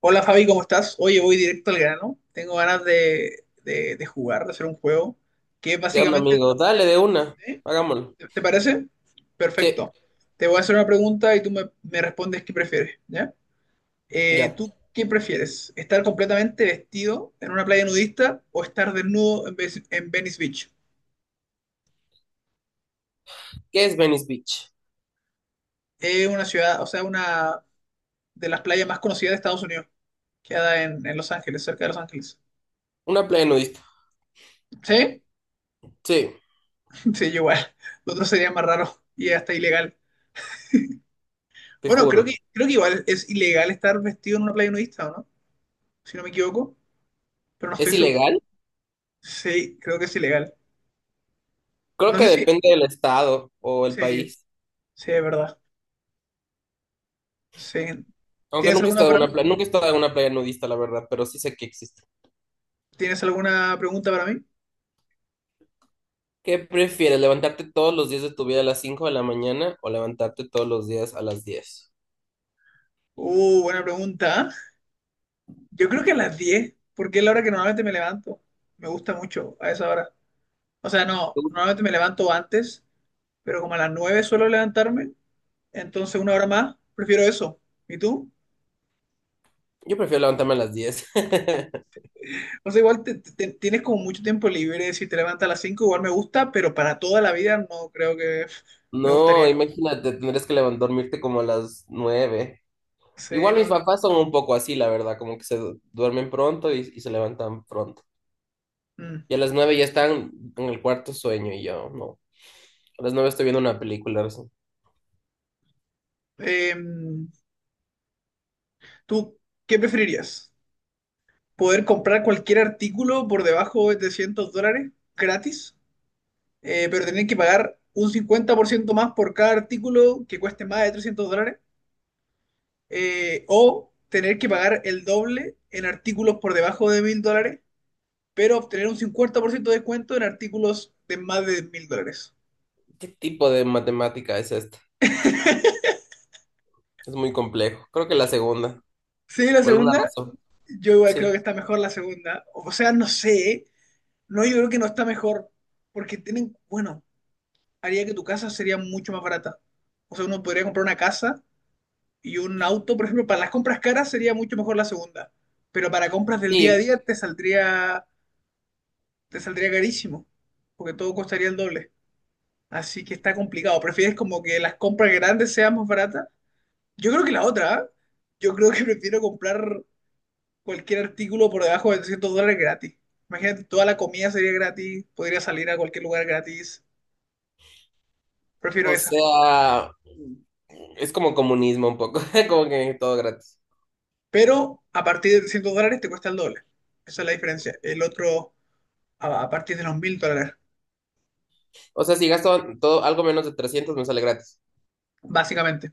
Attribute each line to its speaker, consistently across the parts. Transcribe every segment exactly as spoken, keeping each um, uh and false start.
Speaker 1: Hola Fabi, ¿cómo estás? Oye, voy directo al grano. Tengo ganas de, de- de jugar, de hacer un juego que
Speaker 2: ¿Qué onda,
Speaker 1: básicamente...
Speaker 2: amigo? Dale de una.
Speaker 1: ¿eh?
Speaker 2: Hagámoslo.
Speaker 1: ¿Te parece?
Speaker 2: Sí,
Speaker 1: Perfecto. Te voy a hacer una pregunta y tú me, me respondes qué prefieres, ¿ya? Eh,
Speaker 2: ya.
Speaker 1: ¿tú qué prefieres? ¿Estar completamente vestido en una playa nudista o estar desnudo en, Ve- en Venice Beach?
Speaker 2: ¿Qué es Venice Beach?
Speaker 1: Es una ciudad, o sea, una de las playas más conocidas de Estados Unidos. Queda en, en Los Ángeles, cerca de Los Ángeles.
Speaker 2: Una playa nudista.
Speaker 1: ¿Sí?
Speaker 2: Sí,
Speaker 1: Sí, yo igual. Lo otro sería más raro y hasta ilegal.
Speaker 2: te
Speaker 1: Bueno, creo que,
Speaker 2: juro.
Speaker 1: creo que igual es ilegal estar vestido en una playa nudista, ¿o no? Si no me equivoco, pero no
Speaker 2: ¿Es
Speaker 1: estoy seguro.
Speaker 2: ilegal?
Speaker 1: Sí, creo que es ilegal.
Speaker 2: Creo
Speaker 1: No
Speaker 2: que
Speaker 1: sé si...
Speaker 2: depende del estado o el
Speaker 1: Sí,
Speaker 2: país.
Speaker 1: sí, es verdad. Sí.
Speaker 2: Aunque
Speaker 1: ¿Tienes
Speaker 2: nunca he
Speaker 1: alguna
Speaker 2: estado en
Speaker 1: para mí?
Speaker 2: una playa, nunca he estado en una playa nudista, la verdad, pero sí sé que existe.
Speaker 1: ¿Tienes alguna pregunta para mí?
Speaker 2: ¿Qué prefieres, levantarte todos los días de tu vida a las cinco de la mañana o levantarte todos los días a las diez?
Speaker 1: Uh, buena pregunta. ¿Ah? Yo creo que a las diez, porque es la hora que normalmente me levanto. Me gusta mucho a esa hora. O sea, no, normalmente me levanto antes, pero como a las nueve suelo levantarme, entonces una hora más, prefiero eso. ¿Y tú?
Speaker 2: Yo prefiero levantarme a las diez.
Speaker 1: O sea, igual te- te- tienes como mucho tiempo libre, si te levantas a las cinco igual me gusta, pero para toda la vida no creo que me
Speaker 2: No,
Speaker 1: gustaría.
Speaker 2: imagínate, tendrías que levantar, dormirte como a las nueve.
Speaker 1: Sí,
Speaker 2: Igual mis
Speaker 1: no.
Speaker 2: papás son un poco así, la verdad, como que se du- duermen pronto y, y se levantan pronto.
Speaker 1: Mm.
Speaker 2: Y a las nueve ya están en el cuarto sueño y yo no. A las nueve estoy viendo una película recién.
Speaker 1: Em, ¿tú qué preferirías? ¿Poder comprar cualquier artículo por debajo de trescientos dólares gratis, eh, pero tener que pagar un cincuenta por ciento más por cada artículo que cueste más de trescientos dólares? Eh, ¿o tener que pagar el doble en artículos por debajo de mil dólares? Pero obtener un cincuenta por ciento de descuento en artículos de más de mil dólares.
Speaker 2: ¿Qué tipo de matemática es esta? Es muy complejo. Creo que la segunda,
Speaker 1: Sí, la
Speaker 2: por alguna
Speaker 1: segunda,
Speaker 2: razón.
Speaker 1: yo igual
Speaker 2: Sí.
Speaker 1: creo que está mejor la segunda. O sea, no sé, no, yo creo que no está mejor, porque tienen, bueno, haría que tu casa sería mucho más barata. O sea, uno podría comprar una casa y un auto, por ejemplo, para las compras caras sería mucho mejor la segunda, pero para compras del día a
Speaker 2: Sí,
Speaker 1: día te saldría, te saldría carísimo, porque todo costaría el doble. Así que está complicado. ¿Prefieres como que las compras grandes sean más baratas? Yo creo que la otra, ¿eh? Yo creo que prefiero comprar cualquier artículo por debajo de trescientos dólares gratis. Imagínate, toda la comida sería gratis, podría salir a cualquier lugar gratis. Prefiero
Speaker 2: o
Speaker 1: esa.
Speaker 2: sea, es como comunismo un poco, como que todo gratis.
Speaker 1: Pero a partir de trescientos dólares te cuesta el doble. Esa es la diferencia. El otro a, a partir de los mil dólares,
Speaker 2: O sea, si gasto todo algo menos de trescientos me sale gratis.
Speaker 1: básicamente.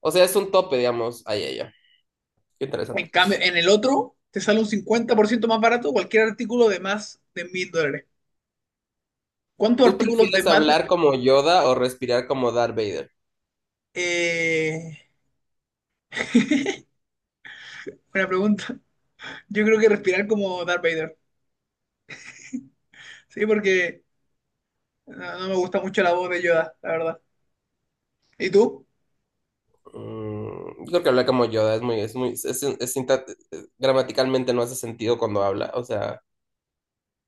Speaker 2: O sea, es un tope, digamos. Ay, ay, ay. Qué
Speaker 1: En
Speaker 2: interesante.
Speaker 1: cambio, en el otro te sale un cincuenta por ciento más barato cualquier artículo de más de mil dólares. ¿Cuántos
Speaker 2: ¿Tú
Speaker 1: artículos de
Speaker 2: prefieres
Speaker 1: más de-
Speaker 2: hablar como Yoda o respirar como Darth Vader?
Speaker 1: eh, buena pregunta. Yo creo que respirar como Darth Vader. Sí, porque no, no me gusta mucho la voz de Yoda, la verdad. ¿Y tú?
Speaker 2: Mm, yo creo que hablar como Yoda es muy, es muy, es, es sinta- gramaticalmente no hace sentido cuando habla, o sea,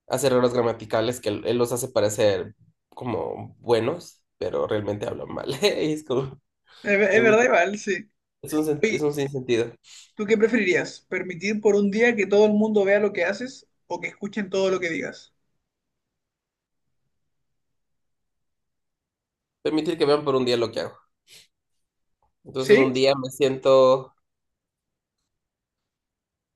Speaker 2: hace errores gramaticales que él, él los hace parecer como buenos, pero realmente habla mal. Y es como,
Speaker 1: Es, ve-
Speaker 2: me
Speaker 1: es verdad,
Speaker 2: gusta,
Speaker 1: igual, sí.
Speaker 2: es un, sen-
Speaker 1: Oye,
Speaker 2: es un sinsentido.
Speaker 1: ¿tú qué preferirías? ¿Permitir por un día que todo el mundo vea lo que haces o que escuchen todo lo que digas?
Speaker 2: Permitir que vean por un día lo que hago. Entonces,
Speaker 1: ¿Sí?
Speaker 2: un día me siento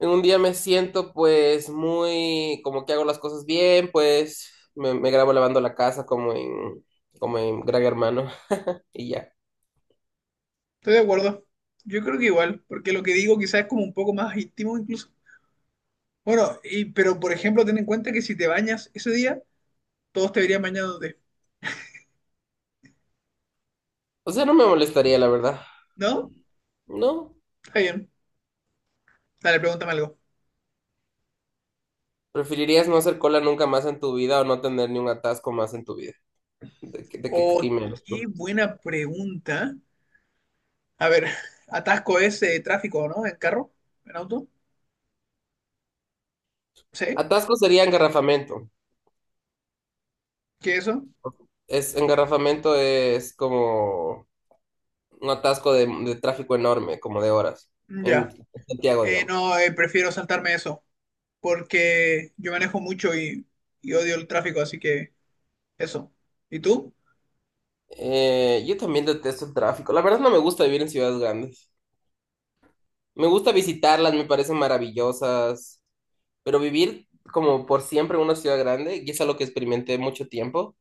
Speaker 2: En un día me siento pues muy como que hago las cosas bien, pues me, me grabo lavando la casa como en como en Gran Hermano y ya.
Speaker 1: Estoy de acuerdo. Yo creo que igual, porque lo que digo quizás es como un poco más íntimo incluso. Bueno, y, pero por ejemplo, ten en cuenta que si te bañas ese día, todos te verían bañándote,
Speaker 2: O sea, no me molestaría, la verdad.
Speaker 1: ¿no?
Speaker 2: No.
Speaker 1: Está bien. Dale, pregúntame algo.
Speaker 2: ¿Preferirías no hacer cola nunca más en tu vida o no tener ni un atasco más en tu vida? ¿De, qué- de qué
Speaker 1: Oh,
Speaker 2: team eres
Speaker 1: qué
Speaker 2: tú?
Speaker 1: buena pregunta. A ver, atasco ese tráfico, ¿no? En carro, en auto. ¿Sí?
Speaker 2: Atasco sería engarrafamiento.
Speaker 1: ¿Qué eso?
Speaker 2: Es, engarrafamiento es como un atasco de, de tráfico enorme, como de horas,
Speaker 1: Mm,
Speaker 2: en
Speaker 1: ya.
Speaker 2: Santiago,
Speaker 1: Eh,
Speaker 2: digamos.
Speaker 1: no, eh, prefiero saltarme eso, porque yo manejo mucho y, y odio el tráfico, así que eso. ¿Y tú?
Speaker 2: Eh, yo también detesto el tráfico. La verdad no me gusta vivir en ciudades grandes. Me gusta visitarlas, me parecen maravillosas, pero vivir como por siempre en una ciudad grande, y es algo que experimenté mucho tiempo,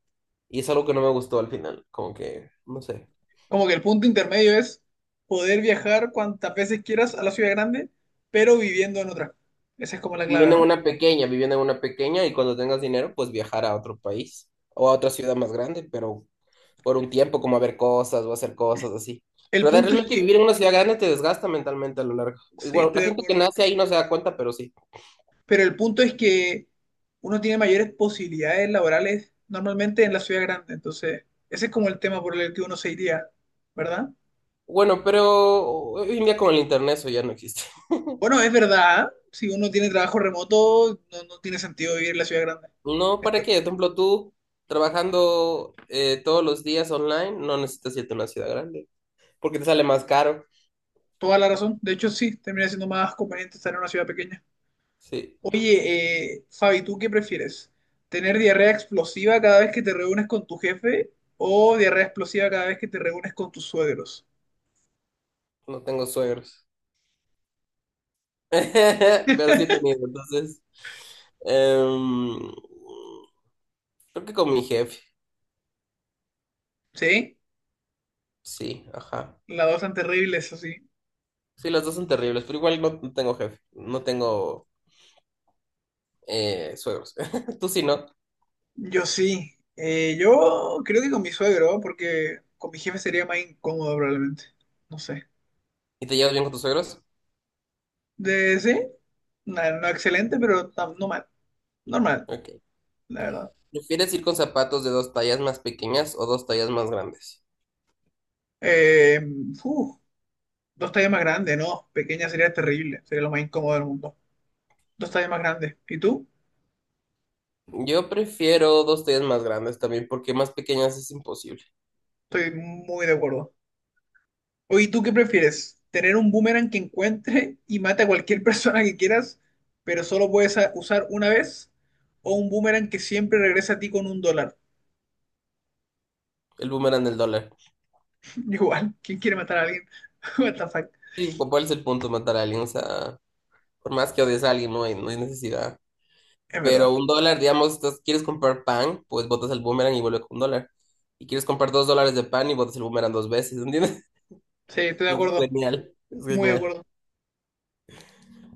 Speaker 2: y es algo que no me gustó al final, como que, no sé.
Speaker 1: Como que el punto intermedio es poder viajar cuantas veces quieras a la ciudad grande, pero viviendo en otra. Esa es como la clave,
Speaker 2: Viviendo en
Speaker 1: ¿no?
Speaker 2: una pequeña, viviendo en una pequeña, y cuando tengas dinero, pues viajar a otro país o a otra ciudad más grande, pero por un tiempo, como a ver cosas o hacer cosas así.
Speaker 1: El
Speaker 2: Pero de
Speaker 1: punto es
Speaker 2: realmente
Speaker 1: que,
Speaker 2: vivir en una ciudad grande te desgasta mentalmente a lo largo.
Speaker 1: sí,
Speaker 2: Igual, la
Speaker 1: estoy de
Speaker 2: gente que
Speaker 1: acuerdo,
Speaker 2: nace ahí no se da cuenta, pero sí.
Speaker 1: pero el punto es que uno tiene mayores posibilidades laborales normalmente en la ciudad grande, entonces ese es como el tema por el que uno se iría, ¿verdad?
Speaker 2: Bueno, pero hoy en día con el internet eso ya no existe.
Speaker 1: Bueno, es verdad, si uno tiene trabajo remoto, no, no tiene sentido vivir en la ciudad grande.
Speaker 2: No, ¿para
Speaker 1: Esto,
Speaker 2: qué? Por ejemplo, tú trabajando eh, todos los días online, no necesitas irte a una ciudad grande, porque te sale más caro.
Speaker 1: toda la razón. De hecho, sí, termina siendo más conveniente estar en una ciudad pequeña.
Speaker 2: Sí,
Speaker 1: Oye, eh, Fabi, ¿tú qué prefieres? ¿Tener diarrea explosiva cada vez que te reúnes con tu jefe o diarrea explosiva cada vez que te reúnes con tus suegros?
Speaker 2: no tengo suegros. Pero sí he tenido, entonces. em, Creo que con mi jefe,
Speaker 1: ¿Sí?
Speaker 2: sí, ajá.
Speaker 1: Las dos tan terribles, así.
Speaker 2: Sí, las dos son terribles, pero igual no, no tengo jefe, no tengo eh, suegros. Tú sí, ¿no?
Speaker 1: Yo sí. Eh, yo creo que con mi suegro, porque con mi jefe sería más incómodo probablemente. No sé.
Speaker 2: ¿Y te llevas bien con tus suegros?
Speaker 1: ¿De sí? No, no excelente, pero tam- no mal. Normal,
Speaker 2: Ok.
Speaker 1: la verdad.
Speaker 2: ¿Prefieres ir con zapatos de dos tallas más pequeñas o dos tallas más grandes?
Speaker 1: Eh, uf, dos tallas más grandes, no. Pequeña sería terrible. Sería lo más incómodo del mundo. Dos tallas más grandes. ¿Y tú?
Speaker 2: Yo prefiero dos tallas más grandes también, porque más pequeñas es imposible.
Speaker 1: Estoy muy de acuerdo. Oye, ¿tú qué prefieres? ¿Tener un boomerang que encuentre y mate a cualquier persona que quieras, pero solo puedes a- usar una vez? ¿O un boomerang que siempre regresa a ti con un dólar?
Speaker 2: El boomerang del dólar.
Speaker 1: Igual, ¿quién quiere matar a alguien? What the fuck.
Speaker 2: Sí, ¿cuál es el punto? Matar a alguien, o sea, por más que odies a alguien, no hay, no hay necesidad.
Speaker 1: Es
Speaker 2: Pero
Speaker 1: verdad.
Speaker 2: un dólar, digamos, estás- quieres comprar pan, pues botas el boomerang y vuelve con un dólar. Y quieres comprar dos dólares de pan y botas el boomerang dos veces, ¿entiendes?
Speaker 1: Sí, estoy de
Speaker 2: Entonces, es
Speaker 1: acuerdo.
Speaker 2: genial, es
Speaker 1: Muy de
Speaker 2: genial,
Speaker 1: acuerdo.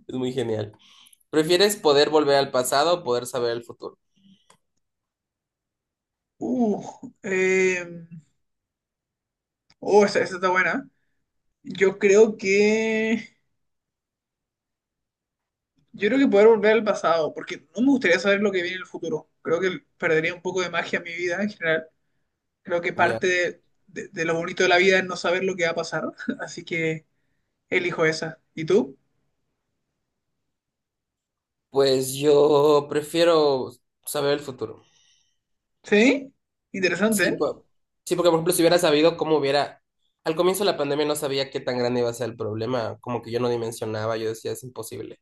Speaker 2: es muy genial. ¿Prefieres poder volver al pasado o poder saber el futuro?
Speaker 1: Uh, Oh, esa, esa está buena. Yo creo que. Yo creo que poder volver al pasado, porque no me gustaría saber lo que viene en el futuro. Creo que perdería un poco de magia en mi vida en general. Creo que
Speaker 2: Ya.
Speaker 1: parte de, de- de lo bonito de la vida es no saber lo que va a pasar. Así que elijo esa. ¿Y tú?
Speaker 2: Pues yo prefiero saber el futuro.
Speaker 1: ¿Sí? Interesante.
Speaker 2: Sí,
Speaker 1: ¿Eh?
Speaker 2: po- sí, porque por ejemplo, si hubiera sabido cómo hubiera, al comienzo de la pandemia no sabía qué tan grande iba a ser el problema, como que yo no dimensionaba, yo decía, es imposible.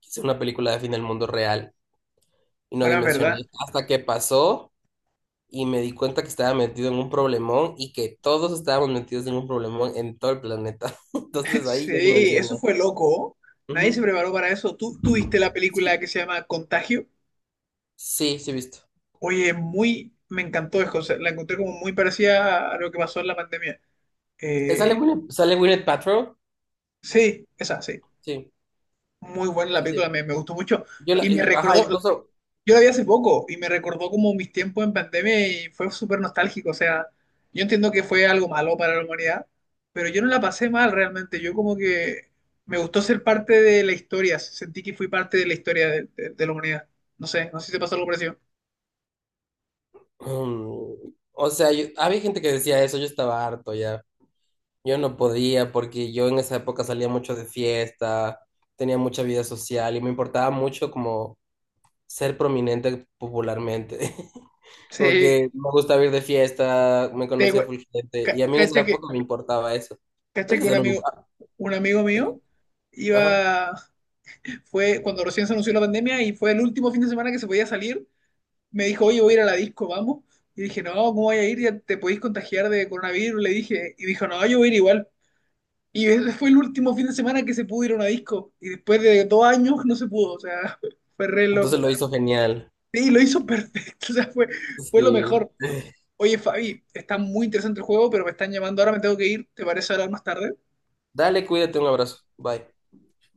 Speaker 2: Quise una película de fin del mundo real y no
Speaker 1: Bueno, es verdad.
Speaker 2: dimensioné hasta que pasó y me di cuenta que estaba metido en un problemón y que todos estábamos metidos en un problemón en todo el planeta. Entonces ahí yo
Speaker 1: Sí, eso
Speaker 2: dimensioné.
Speaker 1: fue loco. Nadie se
Speaker 2: Ujú.
Speaker 1: preparó para eso. ¿Tú, tú viste la película
Speaker 2: Sí,
Speaker 1: que se llama Contagio?
Speaker 2: sí, sí, he visto.
Speaker 1: Oye, muy. Me encantó, es cosa- la encontré como muy parecida a lo que pasó en la pandemia.
Speaker 2: Eh, ¿Sale
Speaker 1: Eh,
Speaker 2: Gwyneth, sale Gwyneth Paltrow?
Speaker 1: Sí, esa, sí.
Speaker 2: Sí,
Speaker 1: Muy buena la
Speaker 2: sí,
Speaker 1: película,
Speaker 2: sí.
Speaker 1: me, me gustó mucho.
Speaker 2: Yo la,
Speaker 1: Y me
Speaker 2: eh, ajá,
Speaker 1: recordó,
Speaker 2: incluso,
Speaker 1: yo la vi hace poco y me recordó como mis tiempos en pandemia y fue súper nostálgico. O sea, yo entiendo que fue algo malo para la humanidad, pero yo no la pasé mal realmente. Yo como que me gustó ser parte de la historia, sentí que fui parte de la historia de, de- de la humanidad. No sé, no sé si te pasó algo parecido.
Speaker 2: mm, o sea, yo- había gente que decía eso, yo estaba harto ya. Yo no podía porque yo en esa época salía mucho de fiesta, tenía mucha vida social y me importaba mucho como ser prominente popularmente.
Speaker 1: Sí,
Speaker 2: Porque me gustaba ir de fiesta, me
Speaker 1: te,
Speaker 2: conocía
Speaker 1: cu-
Speaker 2: full gente
Speaker 1: ca-
Speaker 2: y a mí en esa
Speaker 1: cacha que,
Speaker 2: época me importaba eso. Pero
Speaker 1: cacha que un
Speaker 2: ahorita no me
Speaker 1: amigo,
Speaker 2: importa.
Speaker 1: un amigo mío
Speaker 2: Ajá.
Speaker 1: iba, fue cuando recién se anunció la pandemia y fue el último fin de semana que se podía salir me dijo, oye, voy a ir a la disco, vamos. Y dije, no, ¿cómo voy a ir? Ya te podéis contagiar de coronavirus, le dije. Y dijo, no, yo voy a ir igual. Y ese fue el último fin de semana que se pudo ir a una disco. Y después de dos años no se pudo, o sea, fue re
Speaker 2: Entonces
Speaker 1: loco.
Speaker 2: lo hizo genial.
Speaker 1: Sí, lo hizo perfecto, o sea, fue, fue lo
Speaker 2: Sí.
Speaker 1: mejor. Oye, Fabi, está muy interesante el juego, pero me están llamando ahora, me tengo que ir. ¿Te parece hablar más tarde?
Speaker 2: Dale, cuídate, un abrazo. Bye.